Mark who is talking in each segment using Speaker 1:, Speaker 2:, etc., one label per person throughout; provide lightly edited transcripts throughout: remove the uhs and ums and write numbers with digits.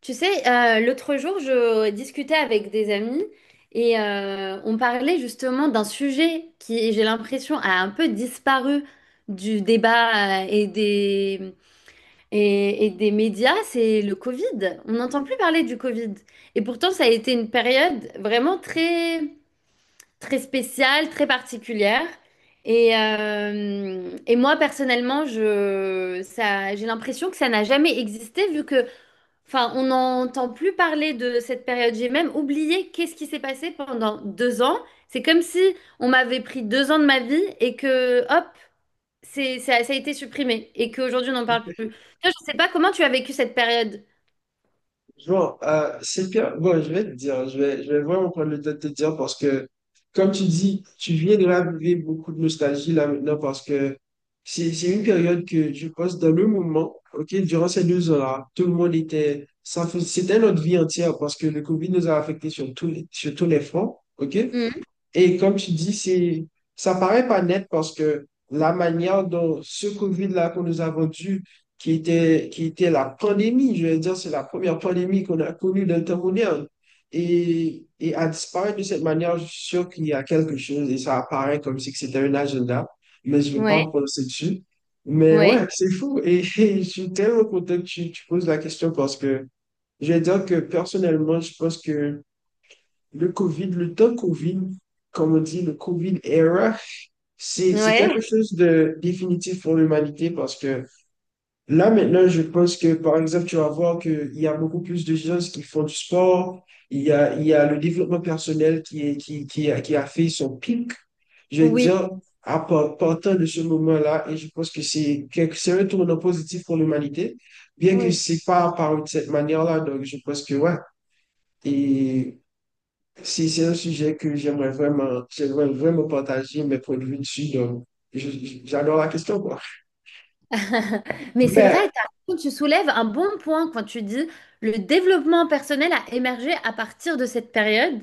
Speaker 1: Tu sais, l'autre jour, je discutais avec des amis et on parlait justement d'un sujet qui, j'ai l'impression, a un peu disparu du débat et des médias, c'est le Covid. On n'entend plus parler du Covid. Et pourtant, ça a été une période vraiment très, très spéciale, très particulière. Et moi, personnellement, j'ai l'impression que ça n'a jamais existé vu que, enfin, on n'entend plus parler de cette période. J'ai même oublié qu'est-ce qui s'est passé pendant 2 ans. C'est comme si on m'avait pris 2 ans de ma vie et que, hop, ça a été supprimé et qu'aujourd'hui on n'en parle plus. Toi, je ne sais pas comment tu as vécu cette période.
Speaker 2: Bon, c'est pire. Bon, je vais te dire, je vais vraiment prendre le temps de te dire parce que, comme tu dis, tu viens de raviver beaucoup de nostalgie là maintenant parce que c'est une période que je pense dans le moment, ok, durant ces 2 ans-là, tout le monde était, c'était notre vie entière parce que le COVID nous a affectés sur tous les fronts, ok?
Speaker 1: Oui.
Speaker 2: Et comme tu dis, ça paraît pas net parce que la manière dont ce Covid-là qu'on nous a vendu, qui était la pandémie, je veux dire, c'est la première pandémie qu'on a connue dans le temps moderne, et à disparaître de cette manière, je suis sûr qu'il y a quelque chose et ça apparaît comme si que c'était un agenda, mais je ne vais pas
Speaker 1: Ouais,
Speaker 2: me prononcer dessus. Mais ouais,
Speaker 1: ouais,
Speaker 2: c'est fou et, et je suis tellement content que tu poses la question parce que je vais dire que personnellement, je pense que le Covid, le temps Covid, comme on dit, le Covid era, c'est
Speaker 1: ouais,
Speaker 2: quelque chose de définitif pour l'humanité parce que là, maintenant, je pense que, par exemple, tu vas voir qu'il y a beaucoup plus de gens qui font du sport, il y a le développement personnel qui est, qui a fait son pic, je veux
Speaker 1: oui,
Speaker 2: dire, partant de ce moment-là, et je pense que c'est un tournant positif pour l'humanité, bien que
Speaker 1: oui.
Speaker 2: c'est pas apparu de cette manière-là, donc je pense que, ouais, et si c'est un sujet que j'aimerais vraiment partager mes points de vue dessus, donc j'adore la question, quoi.
Speaker 1: Mais c'est vrai,
Speaker 2: Mais
Speaker 1: t'as raison, tu soulèves un bon point quand tu dis le développement personnel a émergé à partir de cette période.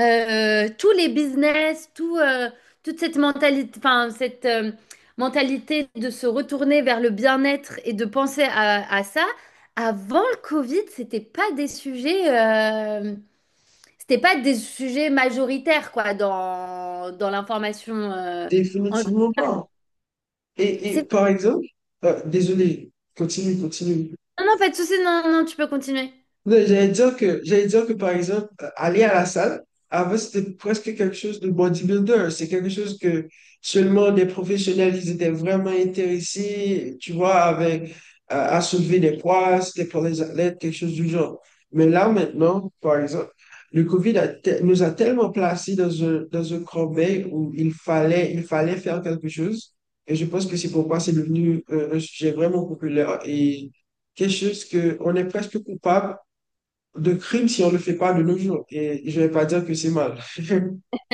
Speaker 1: Tous les business, toute cette mentalité, enfin, cette mentalité de se retourner vers le bien-être et de penser à ça, avant le Covid, c'était pas des sujets majoritaires, quoi, dans l'information, en
Speaker 2: définitivement
Speaker 1: général.
Speaker 2: pas. Et
Speaker 1: C'est.
Speaker 2: par exemple, désolé, continue, continue.
Speaker 1: Non, non, pas de souci, non, non, tu peux continuer.
Speaker 2: Non, J'allais dire que, par exemple, aller à la salle, avant, c'était presque quelque chose de bodybuilder. C'est quelque chose que seulement des professionnels, ils étaient vraiment intéressés, tu vois, avec, à soulever des poids, c'était pour les athlètes, quelque chose du genre. Mais là, maintenant, par exemple, le COVID nous a tellement placés dans un creux où il fallait faire quelque chose. Et je pense que c'est pourquoi c'est devenu un sujet vraiment populaire et quelque chose que on est presque coupable de crime si on ne le fait pas de nos jours. Et je ne vais pas dire que c'est mal.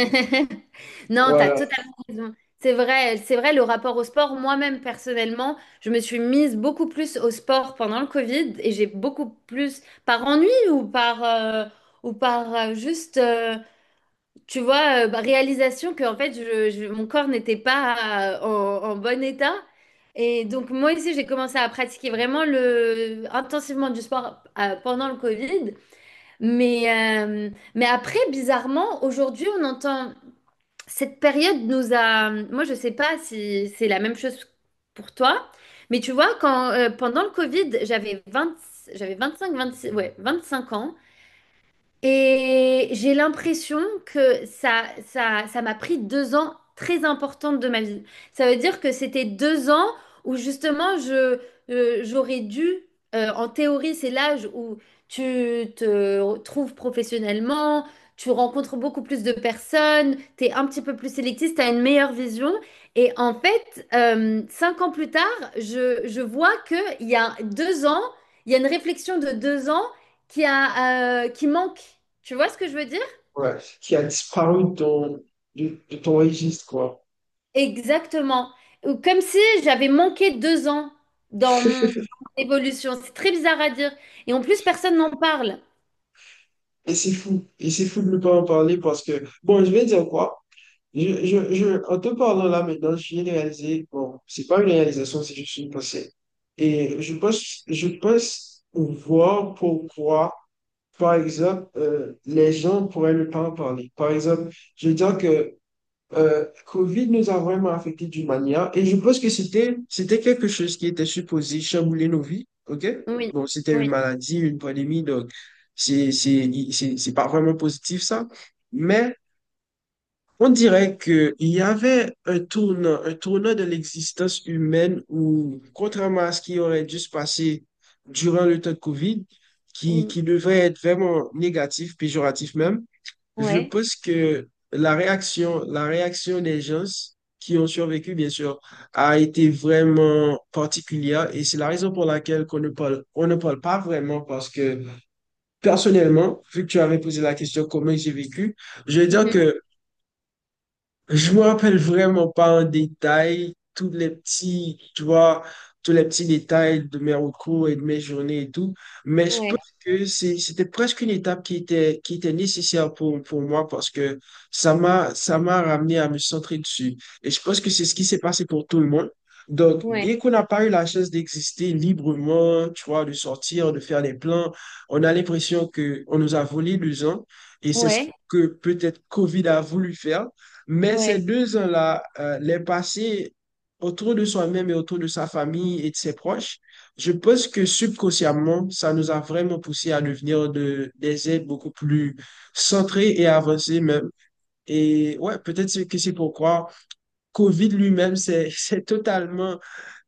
Speaker 1: Non, t'as
Speaker 2: Voilà,
Speaker 1: totalement raison. C'est vrai, le rapport au sport, moi-même personnellement, je me suis mise beaucoup plus au sport pendant le Covid et j'ai beaucoup plus, par ennui ou par juste, tu vois, bah, réalisation que en fait, mon corps n'était pas en bon état. Et donc, moi aussi, j'ai commencé à pratiquer vraiment intensivement du sport pendant le Covid. Mais, euh, mais après, bizarrement, aujourd'hui, on entend. Cette période nous a. Moi, je sais pas si c'est la même chose pour toi, mais tu vois, pendant le Covid, j'avais 25 26, ouais, 25 ans. Et j'ai l'impression que ça m'a pris 2 ans très importantes de ma vie. Ça veut dire que c'était 2 ans où justement j'aurais dû, en théorie, c'est l'âge où tu te trouves professionnellement, tu rencontres beaucoup plus de personnes, tu es un petit peu plus sélectif, tu as une meilleure vision. Et en fait, 5 ans plus tard, je vois qu'il y a 2 ans, il y a une réflexion de 2 ans qui manque. Tu vois ce que je veux dire?
Speaker 2: ouais. Qui a disparu de ton registre, quoi.
Speaker 1: Exactement. Ou comme si j'avais manqué 2 ans dans mon évolution. C'est très bizarre à dire. Et en plus, personne n'en parle.
Speaker 2: Et c'est fou. Et c'est fou de ne pas en parler parce que, bon, je vais dire quoi. En te parlant là maintenant, j'ai réalisé, bon, c'est pas une réalisation, c'est juste une pensée. Et je pense voir pourquoi, par exemple, les gens pourraient ne pas en parler. Par exemple, je veux dire que Covid nous a vraiment affectés d'une manière, et je pense que c'était quelque chose qui était supposé chambouler nos vies, ok?
Speaker 1: Oui,
Speaker 2: Donc, c'était une
Speaker 1: oui,
Speaker 2: maladie, une pandémie, donc c'est pas vraiment positif ça, mais on dirait que il y avait un tournant de l'existence humaine où, contrairement à ce qui aurait dû se passer durant le temps de Covid, qui
Speaker 1: oui.
Speaker 2: qui devrait être vraiment négatif, péjoratif même. Je
Speaker 1: Ouais.
Speaker 2: pense que la réaction des gens qui ont survécu, bien sûr, a été vraiment particulière et c'est la raison pour laquelle qu'on ne parle pas vraiment parce que personnellement, vu que tu avais posé la question comment j'ai vécu, je vais dire
Speaker 1: Mhm.
Speaker 2: que je me rappelle vraiment pas en détail tu vois, tous les petits détails de mes recours et de mes journées et tout, mais je pense
Speaker 1: Ouais,
Speaker 2: que c'était presque une étape qui était nécessaire pour moi parce que ça m'a ramené à me centrer dessus. Et je pense que c'est ce qui s'est passé pour tout le monde. Donc,
Speaker 1: ouais,
Speaker 2: bien qu'on n'a pas eu la chance d'exister librement, tu vois, de sortir, de faire des plans, on a l'impression que on nous a volé 2 ans et c'est ce
Speaker 1: ouais,
Speaker 2: que peut-être COVID a voulu faire. Mais ces
Speaker 1: ouais,
Speaker 2: 2 ans-là, les passer autour de soi-même et autour de sa famille et de ses proches, je pense que subconsciemment, ça nous a vraiment poussé à devenir des êtres beaucoup plus centrés et avancés même. Et ouais, peut-être que c'est pourquoi COVID lui-même s'est s'est totalement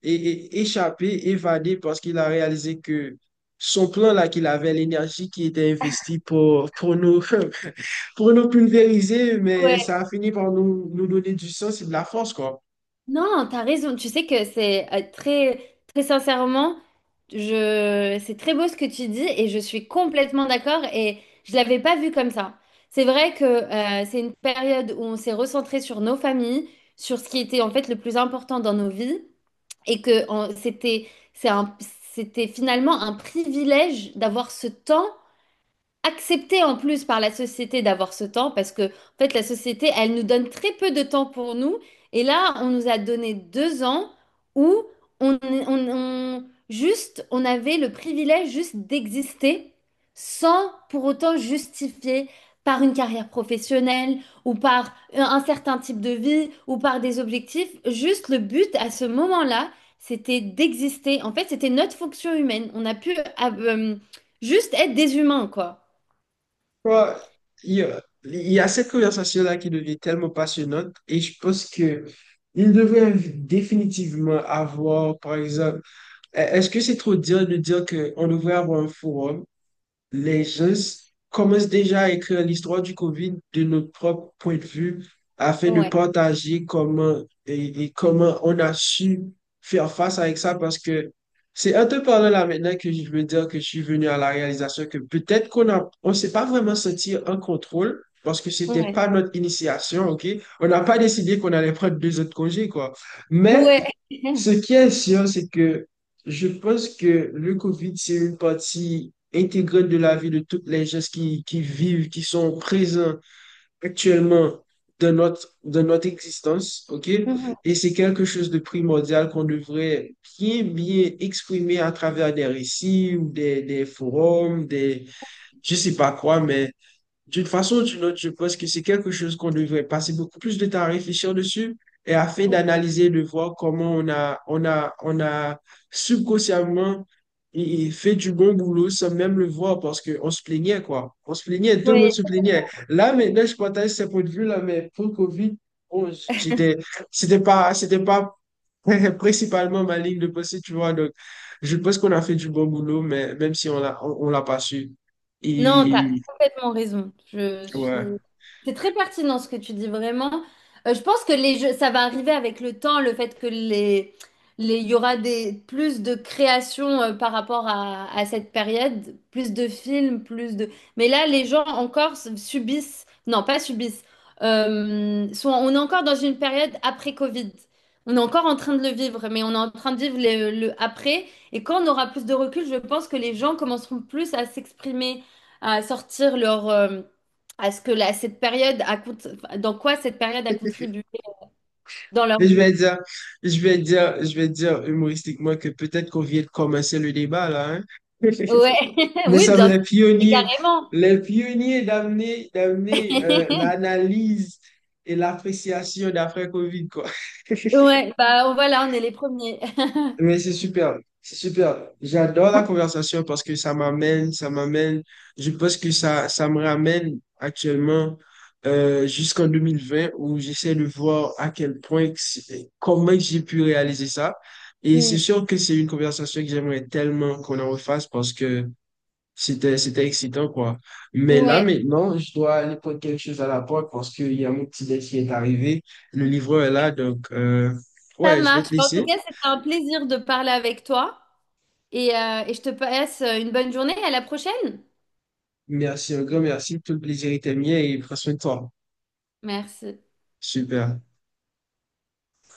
Speaker 2: échappé, évadé, parce qu'il a réalisé que son plan là qu'il avait, l'énergie qui était investie pour nous, pour nous pulvériser, mais
Speaker 1: ouais.
Speaker 2: ça a fini par nous donner du sens et de la force, quoi.
Speaker 1: Non, t'as raison. Tu sais que c'est très, très sincèrement, c'est très beau ce que tu dis et je suis complètement d'accord et je l'avais pas vu comme ça. C'est vrai que c'est une période où on s'est recentré sur nos familles, sur ce qui était en fait le plus important dans nos vies et que c'est un- c'était finalement un privilège d'avoir ce temps accepté en plus par la société d'avoir ce temps parce que, en fait, la société, elle nous donne très peu de temps pour nous. Et là, on nous a donné 2 ans où on, on- on- juste, on avait le privilège juste d'exister sans pour autant justifier par une carrière professionnelle ou par un certain type de vie ou par des objectifs. Juste le but à ce moment-là, c'était d'exister. En fait, c'était notre fonction humaine. On a pu euh, juste être des humains, quoi.
Speaker 2: Quoi, il y a cette conversation-là qui devient tellement passionnante et je pense que il devrait définitivement avoir, par exemple, est-ce que c'est trop dire de dire qu'on devrait avoir un forum? Les gens commencent déjà à écrire l'histoire du COVID de notre propre point de vue afin de
Speaker 1: Ouais,
Speaker 2: partager comment et comment on a su faire face avec ça parce que c'est en te parlant là maintenant que je veux dire que je suis venu à la réalisation que peut-être qu'on s'est pas vraiment senti en contrôle parce que c'était
Speaker 1: ouais,
Speaker 2: pas notre initiation, OK? On n'a pas décidé qu'on allait prendre deux autres congés, quoi. Mais
Speaker 1: ouais.
Speaker 2: ce qui est sûr, c'est que je pense que le COVID, c'est une partie intégrante de la vie de toutes les gens qui vivent, qui sont présents actuellement dans notre existence, OK?
Speaker 1: Mhm.
Speaker 2: Et c'est quelque chose de primordial qu'on devrait bien, bien exprimer à travers des récits ou des forums, je sais pas quoi, mais d'une façon ou d'une autre, je pense que c'est quelque chose qu'on devrait passer beaucoup plus de temps à réfléchir dessus et afin d'analyser, de voir comment on a subconsciemment et fait du bon boulot sans même le voir parce qu'on se plaignait, quoi. On se plaignait, tout le monde
Speaker 1: Ouais.
Speaker 2: se plaignait. Là, maintenant, je partage ce point de vue-là, mais pour COVID, bon, c'était pas principalement ma ligne de pensée, tu vois. Donc, je pense qu'on a fait du bon boulot, mais même si on l'a pas su.
Speaker 1: Non, tu as
Speaker 2: Et,
Speaker 1: complètement raison. Je suis.
Speaker 2: ouais.
Speaker 1: C'est très pertinent ce que tu dis vraiment. Je pense que les jeux, ça va arriver avec le temps, le fait que il y aura plus de créations par rapport à cette période, plus de films, plus de. Mais là, les gens encore subissent, non, pas subissent, on est encore dans une période après Covid. On est encore en train de le vivre, mais on est en train de vivre le après. Et quand on aura plus de recul, je pense que les gens commenceront plus à s'exprimer à sortir leur à ce que cette période enfin, dans quoi cette période a contribué dans leur
Speaker 2: Mais Je vais
Speaker 1: vie.
Speaker 2: dire, je vais dire, je vais dire humoristiquement que peut-être qu'on vient de commencer le débat là, hein.
Speaker 1: Ouais,
Speaker 2: Mais
Speaker 1: oui,
Speaker 2: ça
Speaker 1: bien sûr. Et carrément.
Speaker 2: les pionniers d'amener l'analyse et l'appréciation d'après Covid, quoi.
Speaker 1: Ouais, bah voilà, on est les premiers.
Speaker 2: Mais c'est super, c'est super. J'adore la conversation parce que je pense que ça me ramène actuellement jusqu'en 2020 où j'essaie de voir à quel point, que comment j'ai pu réaliser ça. Et c'est
Speaker 1: Mm.
Speaker 2: sûr que c'est une conversation que j'aimerais tellement qu'on en refasse parce que c'était excitant, quoi. Mais là,
Speaker 1: Ouais,
Speaker 2: maintenant, je dois aller prendre quelque chose à la porte parce qu'il y a mon petit déj qui est arrivé. Le livreur est là, donc,
Speaker 1: ça
Speaker 2: ouais, je vais
Speaker 1: marche.
Speaker 2: te
Speaker 1: Bon, en tout
Speaker 2: laisser.
Speaker 1: cas, c'était un plaisir de parler avec toi et je te passe une bonne journée. À la prochaine.
Speaker 2: Merci un grand merci. Tout le plaisir était mien et prends soin de toi.
Speaker 1: Merci.
Speaker 2: Super.